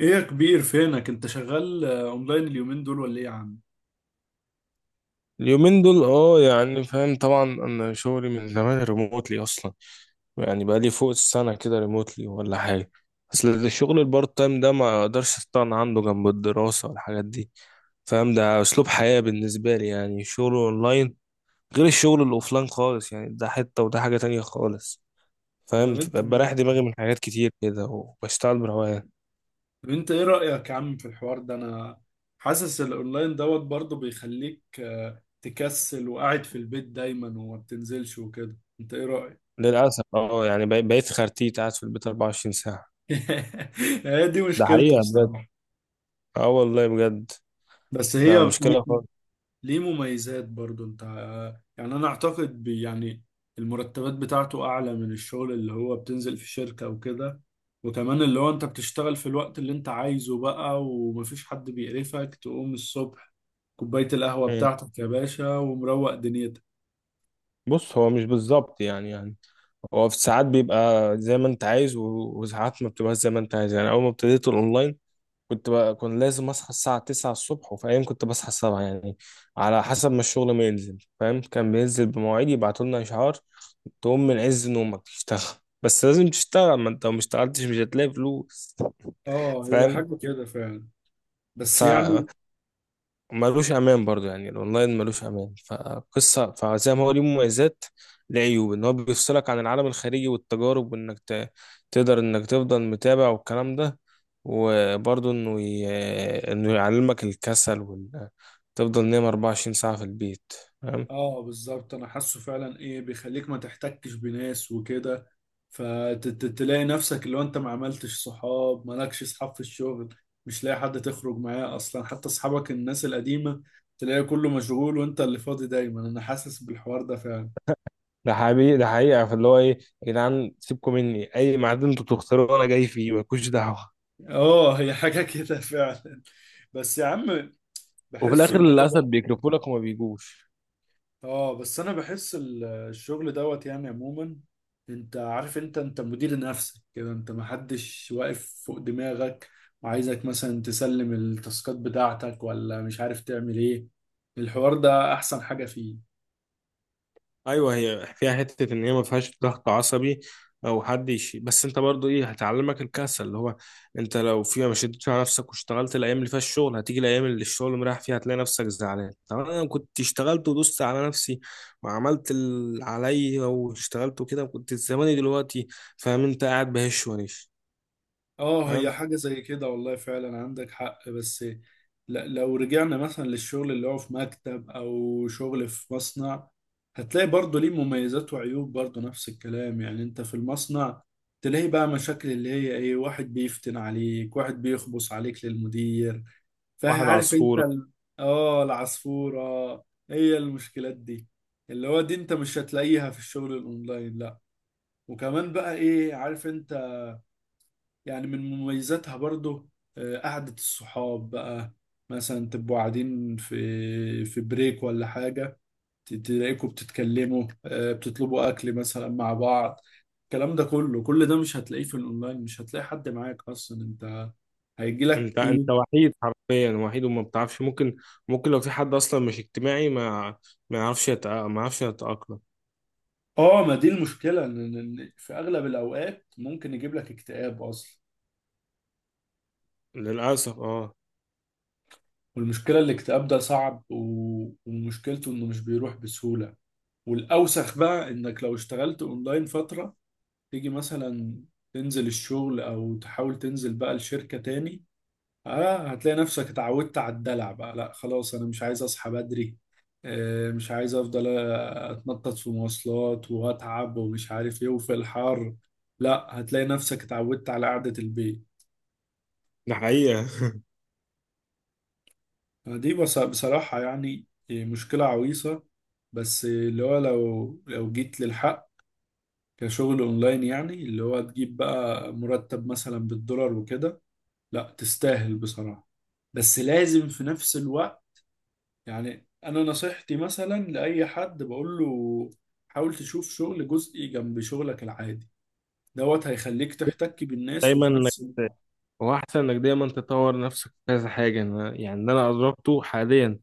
ايه يا كبير، فينك انت؟ شغال اونلاين اليومين دول ولا ايه يا عم؟ اليومين دول اه يعني فاهم طبعا، انا شغلي من زمان ريموتلي اصلا، يعني بقى لي فوق السنه كده ريموتلي ولا حاجه. اصل الشغل البارت تايم ده ما اقدرش استغنى عنه جنب الدراسه والحاجات دي. فاهم، ده اسلوب حياه بالنسبه لي يعني الشغل اونلاين، غير الشغل الاوفلاين خالص، يعني ده حته وده حاجه تانية خالص. طب فاهم، انت بريح دماغي من حاجات كتير كده وبشتغل بروقان. طب انت ايه رأيك يا عم في الحوار ده؟ انا حاسس الاونلاين دوت برضه بيخليك تكسل وقاعد في البيت دايما وما بتنزلش وكده. انت ايه رأيك؟ للاسف اه، يعني بقيت خرتيت قاعد في البيت 24 ساعه. هي دي ده مشكلته حقيقه بجد. بصراحة. اه والله بجد. بس ده هي مشكله. ليه مميزات برضو. انت يعني، انا اعتقد بي يعني المرتبات بتاعته اعلى من الشغل اللي هو بتنزل في شركة وكده. وكمان اللي هو انت بتشتغل في الوقت اللي انت عايزه بقى، ومفيش حد بيقرفك تقوم الصبح. كوباية القهوة مم. بتاعتك يا باشا ومروق دنيتك. بص، هو مش بالظبط يعني هو في ساعات بيبقى زي ما انت عايز، وساعات ما بتبقاش زي ما انت عايز. يعني اول ما ابتديت الاونلاين كنت لازم اصحى الساعه 9 الصبح، وفي ايام كنت بصحى 7 يعني، على حسب ما الشغل ما ينزل. فاهم، كان بينزل بمواعيد يبعتوا لنا اشعار، تقوم من عز نومك تشتغل. بس لازم تشتغل، ما انت لو ما اشتغلتش مش هتلاقي فلوس. اه هي فاهم. حاجة كده فعلا. بس ف يعني، ملوش امان برضو، يعني الاونلاين ملوش امان فقصه، فزي ما هو ليه مميزات ليه عيوب، ان هو بيفصلك عن العالم الخارجي والتجارب، تقدر انك تفضل متابع والكلام ده. وبرضو انه ي... انه يعلمك الكسل، تفضل نايم 24 ساعه في البيت. فاهم. اه بالظبط انا حاسه فعلا. ايه بيخليك ما تحتكش بناس وكده، فتلاقي نفسك لو انت ما عملتش صحاب، مالكش صحاب في الشغل، مش لاقي حد تخرج معاه اصلا. حتى اصحابك الناس القديمة تلاقي كله مشغول وانت اللي فاضي دايما. انا حاسس بالحوار ده فعلا. ده حقيقي، ده حقيقه، فاللي هو ايه يا جدعان سيبكم مني، اي ميعاد انتوا تختاروه انا جاي فيه، مالكوش دعوه. اه هي حاجة كده فعلا. بس يا عم وفي بحسه الاخر اللي هو للاسف برضه، بيكرفوا لك وما بيجوش. اه بس انا بحس الشغل دوت يعني عموما، انت عارف، انت مدير نفسك كده، انت محدش واقف فوق دماغك وعايزك مثلا تسلم التاسكات بتاعتك ولا مش عارف تعمل ايه. الحوار ده احسن حاجة فيه. ايوه، هي فيها حته ان هي ما فيهاش ضغط عصبي او حد يشي، بس انت برضو ايه هتعلمك الكسل، اللي هو انت لو فيها ما شدتش على نفسك واشتغلت الايام اللي فيها الشغل، هتيجي الايام اللي الشغل مريح فيها هتلاقي نفسك زعلان، طب انا كنت اشتغلت ودوست على نفسي وعملت اللي عليا واشتغلت وكده كنت زماني دلوقتي. فاهم، انت قاعد بهش ونيش. اه فاهم. هي حاجة زي كده، والله فعلا عندك حق. بس لو رجعنا مثلا للشغل اللي هو في مكتب او شغل في مصنع، هتلاقي برضه ليه مميزات وعيوب، برضه نفس الكلام. يعني انت في المصنع تلاقي بقى مشاكل اللي هي ايه، واحد بيفتن عليك، واحد بيخبص عليك للمدير. واحد فعارف انت عصفوره. اه، العصفورة. هي المشكلات دي اللي هو دي انت مش هتلاقيها في الشغل الاونلاين، لا. وكمان بقى ايه، عارف انت، يعني من مميزاتها برضو، قعدة الصحاب بقى. مثلا تبقوا قاعدين في بريك ولا حاجة، تلاقيكوا بتتكلموا، بتطلبوا أكل مثلا مع بعض. الكلام ده كله، كل ده مش هتلاقيه في الأونلاين. مش هتلاقي حد معاك أصلا. أنت هيجيلك انت إيه؟ انت وحيد، حرفيا وحيد، وما بتعرفش، ممكن لو في حد اصلا مش اجتماعي ما يعرفش يتأقلم. آه، ما دي المشكلة، إن في أغلب الأوقات ممكن يجيب لك اكتئاب أصلا. للأسف اه. والمشكلة الاكتئاب ده صعب، ومشكلته إنه مش بيروح بسهولة. والأوسخ بقى إنك لو اشتغلت أونلاين فترة، تيجي مثلا تنزل الشغل او تحاول تنزل بقى الشركة تاني، اه هتلاقي نفسك اتعودت على الدلع بقى. لا خلاص، انا مش عايز اصحى بدري، مش عايز افضل اتنطط في مواصلات واتعب ومش عارف ايه وفي الحر. لا، هتلاقي نفسك اتعودت على قعدة البيت. ده حقيقة. دي بصراحة يعني مشكلة عويصة. بس اللي هو لو جيت للحق، كشغل اونلاين يعني، اللي هو تجيب بقى مرتب مثلا بالدولار وكده، لا تستاهل بصراحة. بس لازم في نفس الوقت، يعني أنا نصيحتي مثلا لأي حد بقول له حاول تشوف شغل جزئي جنب شغلك العادي. دوت هيخليك تحتك بالناس دايما وفي إنك- نفس الوقت، هو أحسن إنك دايما تطور نفسك في كذا حاجة. أنا يعني اللي أنا أدركته حاليا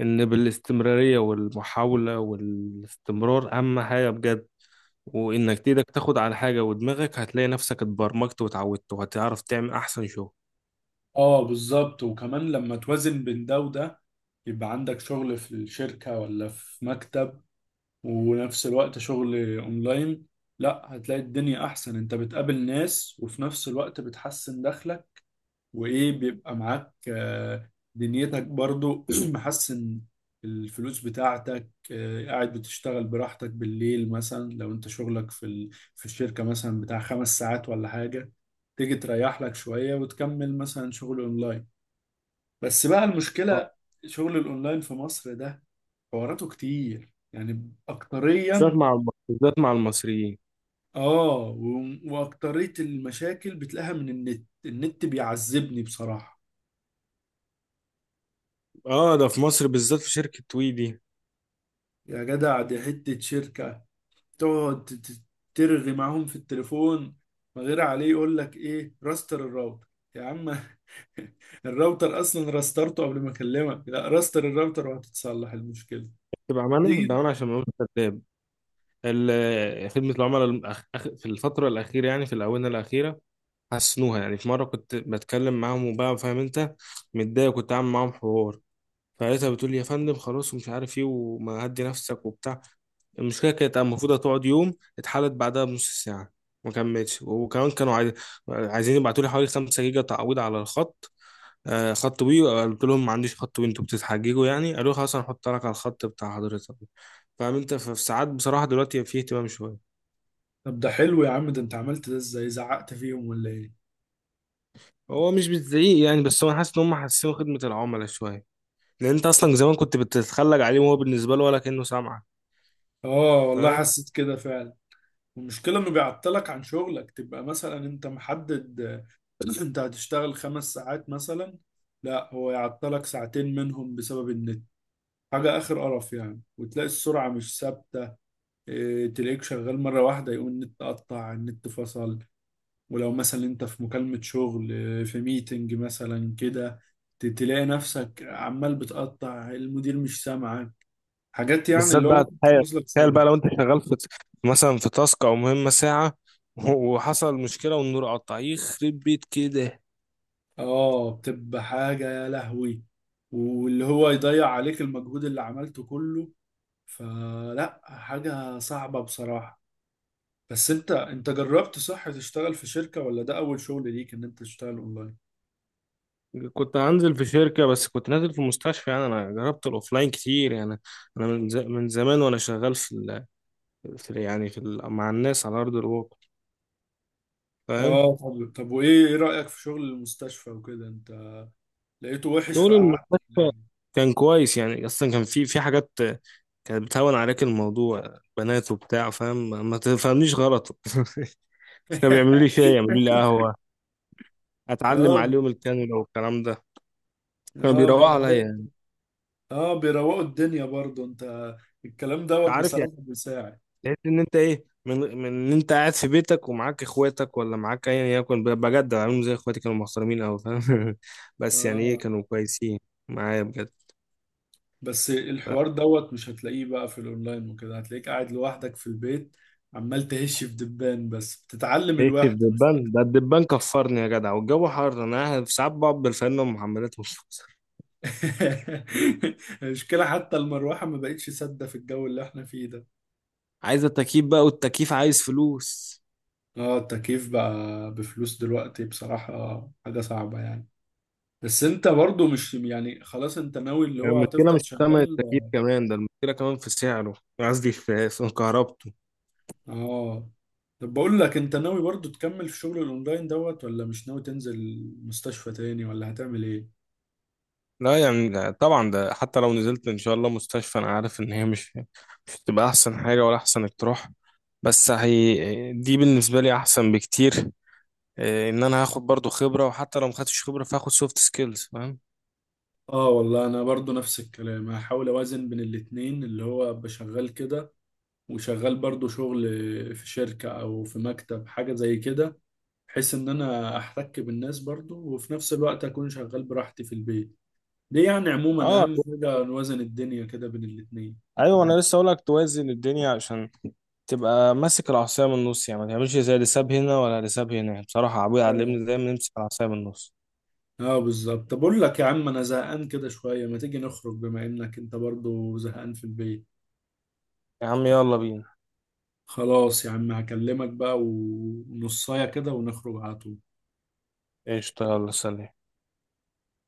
إن بالاستمرارية والمحاولة والاستمرار أهم حاجة بجد، وإنك إيدك تاخد على حاجة ودماغك، هتلاقي نفسك اتبرمجت واتعودت وهتعرف تعمل أحسن شغل. اه بالظبط. وكمان لما توازن بين ده وده، يبقى عندك شغل في الشركة ولا في مكتب، ونفس الوقت شغل اونلاين، لا هتلاقي الدنيا احسن. انت بتقابل ناس، وفي نفس الوقت بتحسن دخلك، وايه بيبقى معاك دنيتك برضو محسن الفلوس بتاعتك. قاعد بتشتغل براحتك بالليل، مثلا لو انت شغلك في الشركة مثلا بتاع 5 ساعات ولا حاجة، تيجي تريح لك شوية وتكمل مثلا شغل اونلاين. بس بقى آه، المشكلة، شغل الاونلاين في مصر ده حواراته كتير يعني، اكتريا بالذات مع المصريين. اه و... واكترية المشاكل بتلاقيها من النت. النت بيعذبني بصراحة. اه، ده في مصر بالذات، في شركة وي دي. يا جدع دي حتة شركة، تقعد ترغي معاهم في التليفون من غير عليه، يقول لك ايه، راستر الراوتر. يا عم الراوتر اصلا راسترته قبل ما اكلمك. لا راستر الراوتر وهتتصلح المشكله. تبقى معانا، تيجي ده انا عشان ما اقولش كذاب، خدمة العملاء في الفترة الأخيرة، يعني في الآونة الأخيرة، حسنوها. يعني في مرة كنت بتكلم معاهم، وبقى فاهم انت، متضايق، كنت عامل معاهم حوار، فلقيتها بتقول لي يا فندم خلاص ومش عارف ايه وما هدي نفسك وبتاع. المشكلة كانت المفروض هتقعد يوم، اتحلت بعدها بنص ساعة ما كملتش، وكمان عايزين يبعتوا لي حوالي 5 جيجا تعويض على الخط، آه خط وي. قلت لهم ما عنديش خط وي، انتوا بتتحججوا يعني. قالوا لي خلاص هنحط لك على الخط بتاع حضرتك. فاهم انت، ففي ساعات بصراحة دلوقتي في اهتمام شوية. طب ده حلو يا عم، ده انت عملت ده ازاي؟ زعقت فيهم ولا ايه؟ هو مش بتزعيق يعني، بس هو أنا حاسس ان هم حاسين خدمة العملاء شوية، لان انت اصلا زمان كنت بتتخلج عليه وهو بالنسبه له ولا كانه سامعك. اه والله فاهم. حسيت كده فعلا. المشكله انه بيعطلك عن شغلك، تبقى مثلا انت محدد انت هتشتغل 5 ساعات مثلا، لا هو يعطلك ساعتين منهم بسبب النت. حاجه اخر قرف يعني، وتلاقي السرعه مش ثابته. إيه، تلاقيك شغال مرة واحدة يقول النت قطع، النت فصل، ولو مثلا انت في مكالمة شغل إيه، في ميتنج مثلا كده، تلاقي نفسك عمال بتقطع، المدير مش سامعك. حاجات يعني بالذات اللي هو بقى، ممكن تخيل، تبوظ لك تخيل شغل. بقى لو انت شغال في مثلا في تاسك او مهمه ساعه، وحصل مشكله والنور قطع، يخرب بيت كده. اه بتبقى حاجة يا لهوي، واللي هو يضيع عليك المجهود اللي عملته كله. فلا، حاجة صعبة بصراحة. بس انت جربت صح تشتغل في شركة، ولا ده اول شغل ليك ان انت تشتغل اونلاين؟ كنت هنزل في شركه بس كنت نازل في مستشفى، يعني انا جربت الاوفلاين كتير يعني. انا من زمان وانا شغال في, ال... في يعني في ال... مع الناس على ارض الواقع. فاهم. اه طب وايه، ايه رأيك في شغل المستشفى وكده؟ انت لقيته وحش شغل فقعدت ولا المستشفى إيه؟ كان كويس يعني، اصلا كان في حاجات كانت بتهون عليك الموضوع، بنات وبتاع، فاهم، ما تفهمنيش غلط. بس كانوا بيعملوا لي شاي، يعملوا لي قهوه، اتعلم اه. عليهم الكانولا والكلام ده. كانوا اه بيروقوا عليا يعني. بيروقوا. اه بيروقوا الدنيا برضه. انت الكلام انت دوت عارف بصراحة يعني، بيساعد. تحس ان انت ايه، من ان انت قاعد في بيتك ومعاك اخواتك، ولا معاك ايا يكن، بجد عاملهم زي اخواتي، كانوا محترمين قوي. فاهم. بس يعني ايه، اه كانوا كويسين معايا بجد. بس الحوار دوت مش هتلاقيه بقى في الاونلاين وكده، هتلاقيك قاعد لوحدك في البيت، عمال تهش في دبان. بس بتتعلم عشت في الوحدة مش دبان، اكتر. ده الدبان كفرني يا جدع، والجو حر، انا قاعد في ساعات بقعد بالفانلة ومحملات ومش المشكلة حتى المروحة ما بقتش سادة في الجو اللي احنا فيه ده. عايز التكييف بقى، والتكييف عايز فلوس. اه التكييف بقى بفلوس دلوقتي، بصراحة حاجة صعبة يعني. بس انت برضو مش يعني، خلاص انت ناوي اللي يعني هو المشكلة مش هتفضل في تمن شغال. التكييف كمان، ده المشكلة كمان في سعره، قصدي في كهربته. اه طب بقول لك، انت ناوي برضو تكمل في شغل الاونلاين دوت، ولا مش ناوي تنزل مستشفى تاني، ولا هتعمل ايه؟ لا يعني ده طبعا، ده حتى لو نزلت إن شاء الله مستشفى أنا عارف إن هي مش، مش هتبقى أحسن حاجة ولا أحسن اقتراح، بس هي دي بالنسبة لي أحسن بكتير. إيه، إن أنا هاخد برضو خبرة، وحتى لو مخدتش خبرة فهاخد سوفت سكيلز. فاهم. اه والله انا برضو نفس الكلام، هحاول اوازن بين الاتنين، اللي هو بشغال كده وشغال برضو شغل في شركة او في مكتب حاجة زي كده، بحيث ان انا احتك بالناس برضو، وفي نفس الوقت اكون شغال براحتي في البيت. دي يعني عموما اه. اهم حاجه، نوازن الدنيا كده بين الاثنين. ايوه، انا لسه اقولك توازن الدنيا، عشان تبقى ماسك العصايه من النص، يعني ما تعملش زي اللي ساب هنا ولا اللي ساب هنا. يعني بصراحه ابويا اه، علمني دايما نمسك العصايه من النص. اه بالظبط. طب اقول لك يا عم، انا زهقان كده شويه، ما تيجي نخرج بما انك انت برضو زهقان في البيت؟ يا عم يلا بينا. خلاص يا عم، هكلمك بقى ونصايه كده ونخرج على طول. ايش، يلا سلام.